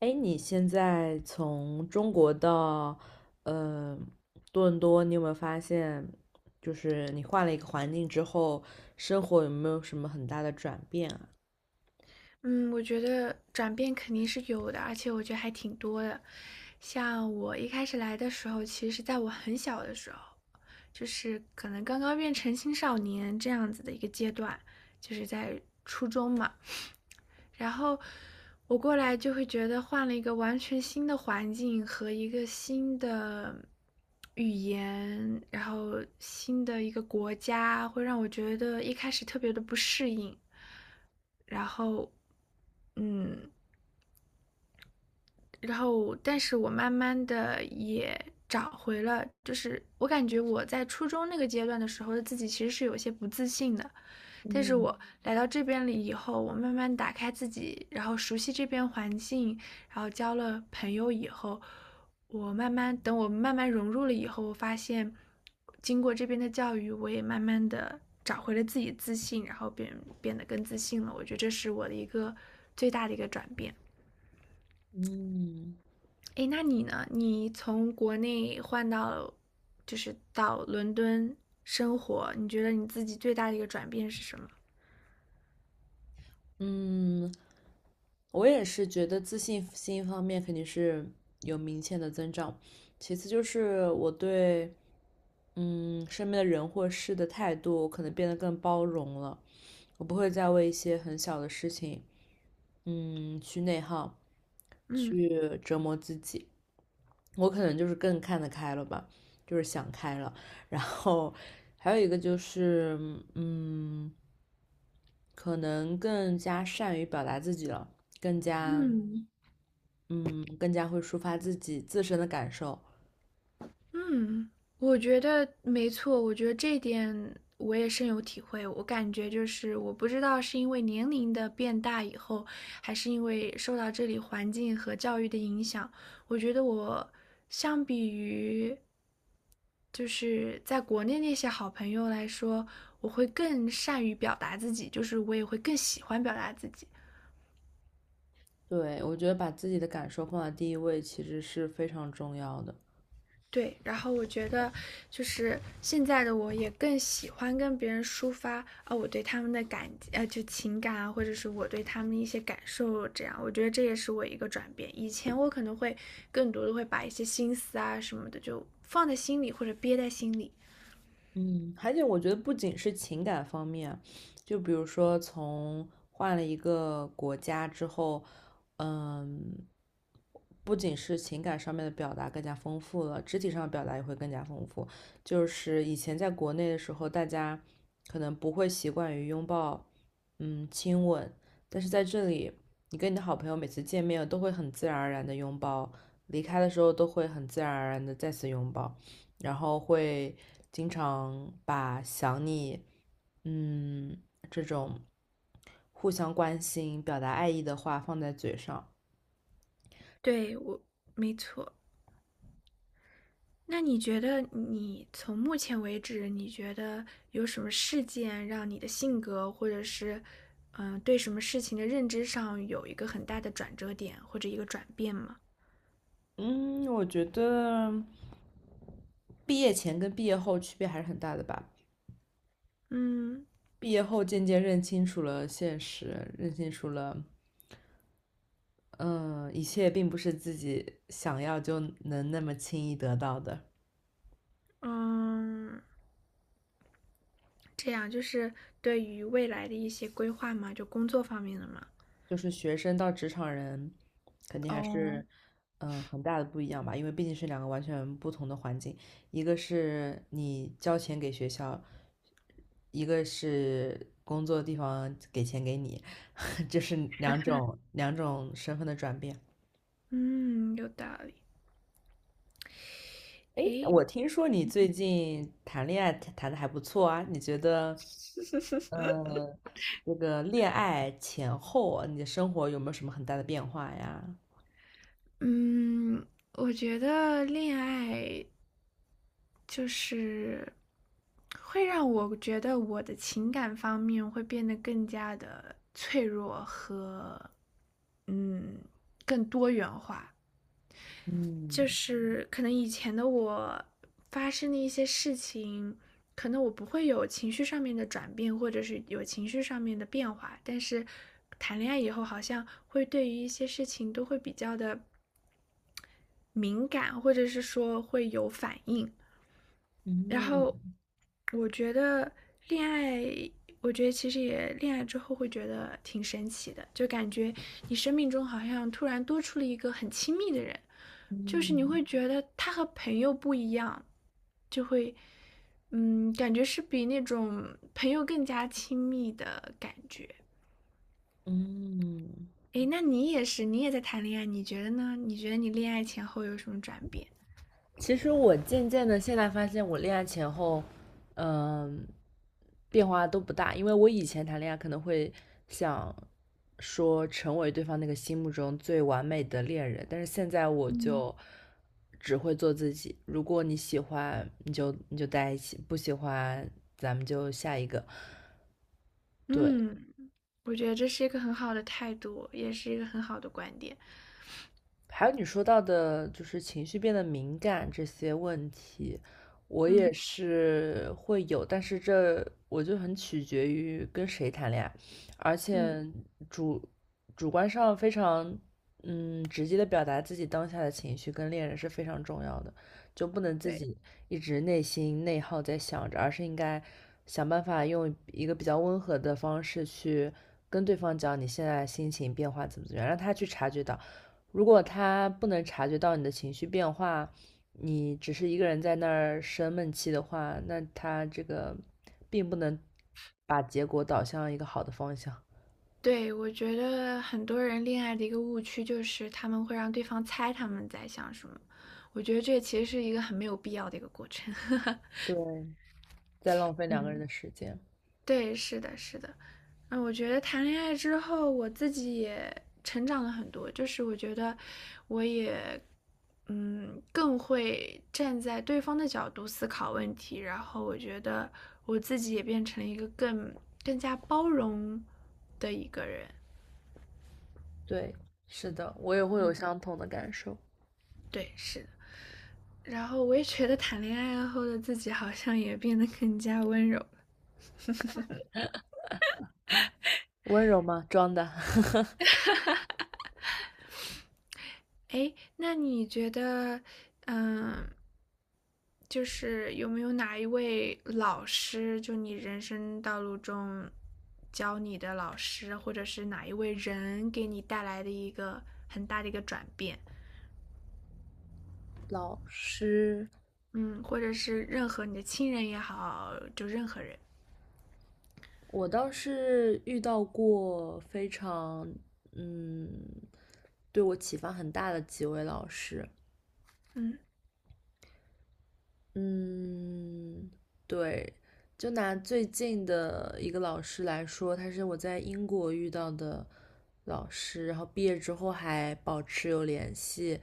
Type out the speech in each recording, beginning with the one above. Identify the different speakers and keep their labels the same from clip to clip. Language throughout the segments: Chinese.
Speaker 1: 哎，你现在从中国到呃多伦多，你有没有发现，就是你换了一个环境之后，生活有没有什么很大的转变啊？
Speaker 2: 嗯，我觉得转变肯定是有的，而且我觉得还挺多的。像我一开始来的时候，其实在我很小的时候，就是可能刚刚变成青少年这样子的一个阶段，就是在初中嘛。然后我过来就会觉得换了一个完全新的环境和一个新的语言，然后新的一个国家，会让我觉得一开始特别的不适应。然后嗯，然后但是我慢慢的也找回了，就是我感觉我在初中那个阶段的时候的自己其实是有些不自信的，但是
Speaker 1: 嗯
Speaker 2: 我来到这边了以后，我慢慢打开自己，然后熟悉这边环境，然后交了朋友以后，我慢慢等我慢慢融入了以后，我发现经过这边的教育，我也慢慢的找回了自己自信，然后变得更自信了，我觉得这是我的一个最大的一个转变。
Speaker 1: 嗯
Speaker 2: 哎，那你呢？你从国内换到，就是到伦敦生活，你觉得你自己最大的一个转变是什么？
Speaker 1: 嗯，我也是觉得自信心方面肯定是有明显的增长，其次就是我对身边的人或事的态度可能变得更包容了，我不会再为一些很小的事情去内耗，
Speaker 2: 嗯
Speaker 1: 去折磨自己。我可能就是更看得开了吧，就是想开了。然后还有一个就是，嗯，可能更加善于表达自己了，更加，
Speaker 2: 嗯，
Speaker 1: 嗯，更加会抒发自己自身的感受。
Speaker 2: 嗯，我觉得没错，我觉得这一点我也深有体会。我感觉就是，我不知道是因为年龄的变大以后，还是因为受到这里环境和教育的影响，我觉得我相比于就是在国内那些好朋友来说，我会更善于表达自己，就是我也会更喜欢表达自己。
Speaker 1: 对，我觉得把自己的感受放在第一位，其实是非常重要的。
Speaker 2: 对，然后我觉得就是现在的我也更喜欢跟别人抒发啊，我对他们的就情感啊，或者是我对他们的一些感受，这样我觉得这也是我一个转变。以前我可能会更多的会把一些心思啊什么的就放在心里或者憋在心里。
Speaker 1: 嗯，而且我觉得不仅是情感方面，就比如说从换了一个国家之后，嗯，不仅是情感上面的表达更加丰富了，肢体上的表达也会更加丰富。就是以前在国内的时候，大家可能不会习惯于拥抱，嗯，亲吻，但是在这里，你跟你的好朋友每次见面都会很自然而然的拥抱，离开的时候都会很自然而然的再次拥抱，然后会经常把想你，嗯，这种互相关心、表达爱意的话放在嘴上。
Speaker 2: 对我，没错。那你觉得你从目前为止，你觉得有什么事件让你的性格，或者是对什么事情的认知上有一个很大的转折点或者一个转变吗？
Speaker 1: 嗯，我觉得毕业前跟毕业后区别还是很大的吧。
Speaker 2: 嗯
Speaker 1: 毕业后渐渐认清楚了现实，认清楚了，嗯，一切并不是自己想要就能那么轻易得到的。
Speaker 2: 嗯，这样就是对于未来的一些规划嘛，就工作方面的嘛。
Speaker 1: 就是学生到职场人，肯定还
Speaker 2: 哦，
Speaker 1: 是很大的不一样吧，因为毕竟是两个完全不同的环境，一个是你交钱给学校，一个是工作地方给钱给你，就是两种身份的转变。
Speaker 2: 嗯，有道理。
Speaker 1: 诶，
Speaker 2: 诶，
Speaker 1: 我听说你最近谈恋爱谈的还不错啊，你觉得，嗯，这个恋爱前后啊，你的生活有没有什么很大的变化呀？
Speaker 2: 嗯，我觉得恋爱就是会让我觉得我的情感方面会变得更加的脆，更多元化。就
Speaker 1: 嗯
Speaker 2: 是可能以前的我发生的一些事情，可能我不会有情绪上面的转变，或者是有情绪上面的变化，但是谈恋爱以后，好像会对于一些事情都会比较的敏感，或者是说会有反应。然后
Speaker 1: 嗯
Speaker 2: 我觉得恋爱，我觉得其实也恋爱之后会觉得挺神奇的，就感觉你生命中好像突然多出了一个很亲密的人，就是你
Speaker 1: 嗯
Speaker 2: 会觉得他和朋友不一样，就会嗯，感觉是比那种朋友更加亲密的感觉。
Speaker 1: 嗯，
Speaker 2: 诶，那你也是，你也在谈恋爱，你觉得呢？你觉得你恋爱前后有什么转变？
Speaker 1: 其实我渐渐的现在发现，我恋爱前后，嗯、变化都不大。因为我以前谈恋爱可能会想说成为对方那个心目中最完美的恋人，但是现在我就只会做自己。如果你喜欢，你就在一起；不喜欢，咱们就下一个。对，
Speaker 2: 嗯，我觉得这是一个很好的态度，也是一个很好的观点。
Speaker 1: 还有你说到的，就是情绪变得敏感这些问题，我也
Speaker 2: 嗯
Speaker 1: 是会有，但是这我就很取决于跟谁谈恋爱，而
Speaker 2: 嗯，
Speaker 1: 且主主观上非常直接的表达自己当下的情绪跟恋人是非常重要的，就不能自
Speaker 2: 对
Speaker 1: 己一直内心内耗在想着，而是应该想办法用一个比较温和的方式去跟对方讲你现在心情变化怎么怎么样，让他去察觉到。如果他不能察觉到你的情绪变化，你只是一个人在那儿生闷气的话，那他这个并不能把结果导向一个好的方向。
Speaker 2: 对，我觉得很多人恋爱的一个误区就是他们会让对方猜他们在想什么，我觉得这其实是一个很没有必要的一个过程。
Speaker 1: 对，在浪费两个人
Speaker 2: 嗯
Speaker 1: 的时间。
Speaker 2: 对，是的，是的，嗯，我觉得谈恋爱之后，我自己也成长了很多，就是我觉得我也，嗯，更会站在对方的角度思考问题，然后我觉得我自己也变成了一个更加包容的一个人。
Speaker 1: 对，是的，我也会有相同的感受。
Speaker 2: 对，是的。然后我也觉得谈恋爱后的自己好像也变得更加温柔。
Speaker 1: 温柔吗？装的。
Speaker 2: 哎，那你觉得，嗯，就是有没有哪一位老师，就你人生道路中教你的老师，或者是哪一位人给你带来的一个很大的一个转变？
Speaker 1: 老师，
Speaker 2: 嗯，或者是任何你的亲人也好，就任何人。
Speaker 1: 我倒是遇到过非常，嗯，对我启发很大的几位老师。
Speaker 2: 嗯
Speaker 1: 嗯，对，就拿最近的一个老师来说，他是我在英国遇到的老师，然后毕业之后还保持有联系，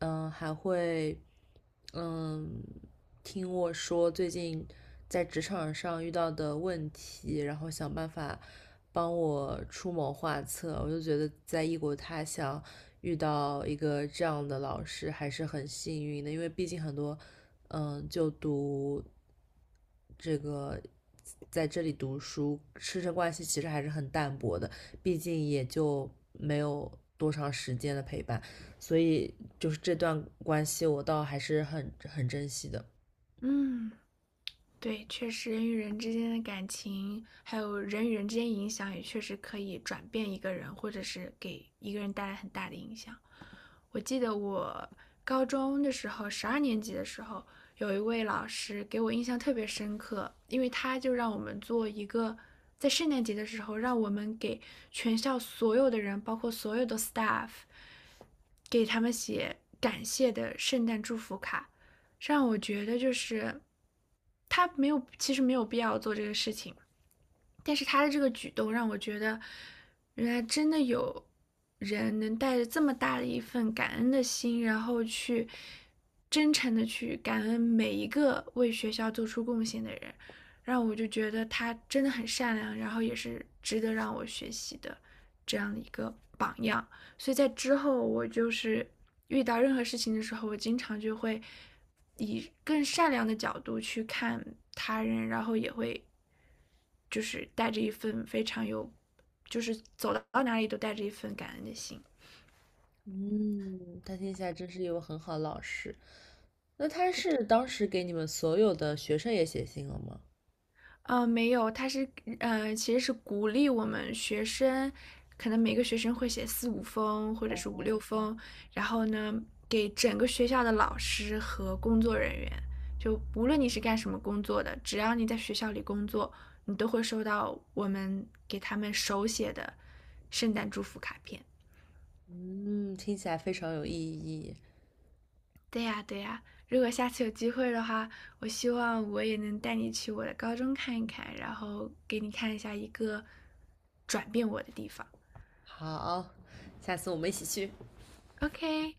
Speaker 1: 嗯，还会嗯听我说最近在职场上遇到的问题，然后想办法帮我出谋划策。我就觉得在异国他乡遇到一个这样的老师还是很幸运的，因为毕竟很多就读。这个在这里读书，师生关系其实还是很淡薄的，毕竟也就没有多长时间的陪伴，所以就是这段关系我倒还是很珍惜的。
Speaker 2: 嗯，对，确实人与人之间的感情，还有人与人之间影响，也确实可以转变一个人，或者是给一个人带来很大的影响。我记得我高中的时候，12年级的时候，有一位老师给我印象特别深刻，因为他就让我们做一个，在圣诞节的时候，让我们给全校所有的人，包括所有的 staff，给他们写感谢的圣诞祝福卡，让我觉得就是他没有，其实没有必要做这个事情，但是他的这个举动让我觉得，原来真的有人能带着这么大的一份感恩的心，然后去真诚的去感恩每一个为学校做出贡献的人，让我就觉得他真的很善良，然后也是值得让我学习的这样的一个榜样。所以在之后，我就是遇到任何事情的时候，我经常就会以更善良的角度去看他人，然后也会就是带着一份非常有，就是走到哪里都带着一份感恩的心。
Speaker 1: 嗯，他听起来真是一位很好的老师。那他
Speaker 2: 对，
Speaker 1: 是当时给你们所有的学生也写信了吗？
Speaker 2: 呃，没有，他是呃，其实是鼓励我们学生，可能每个学生会写四五封或者是五六封，然后呢，给整个学校的老师和工作人员，就无论你是干什么工作的，只要你在学校里工作，你都会收到我们给他们手写的圣诞祝福卡片。
Speaker 1: 嗯，听起来非常有意义。
Speaker 2: 对呀，对呀，如果下次有机会的话，我希望我也能带你去我的高中看一看，然后给你看一下一个转变我的地方。
Speaker 1: 好，下次我们一起去。
Speaker 2: OK，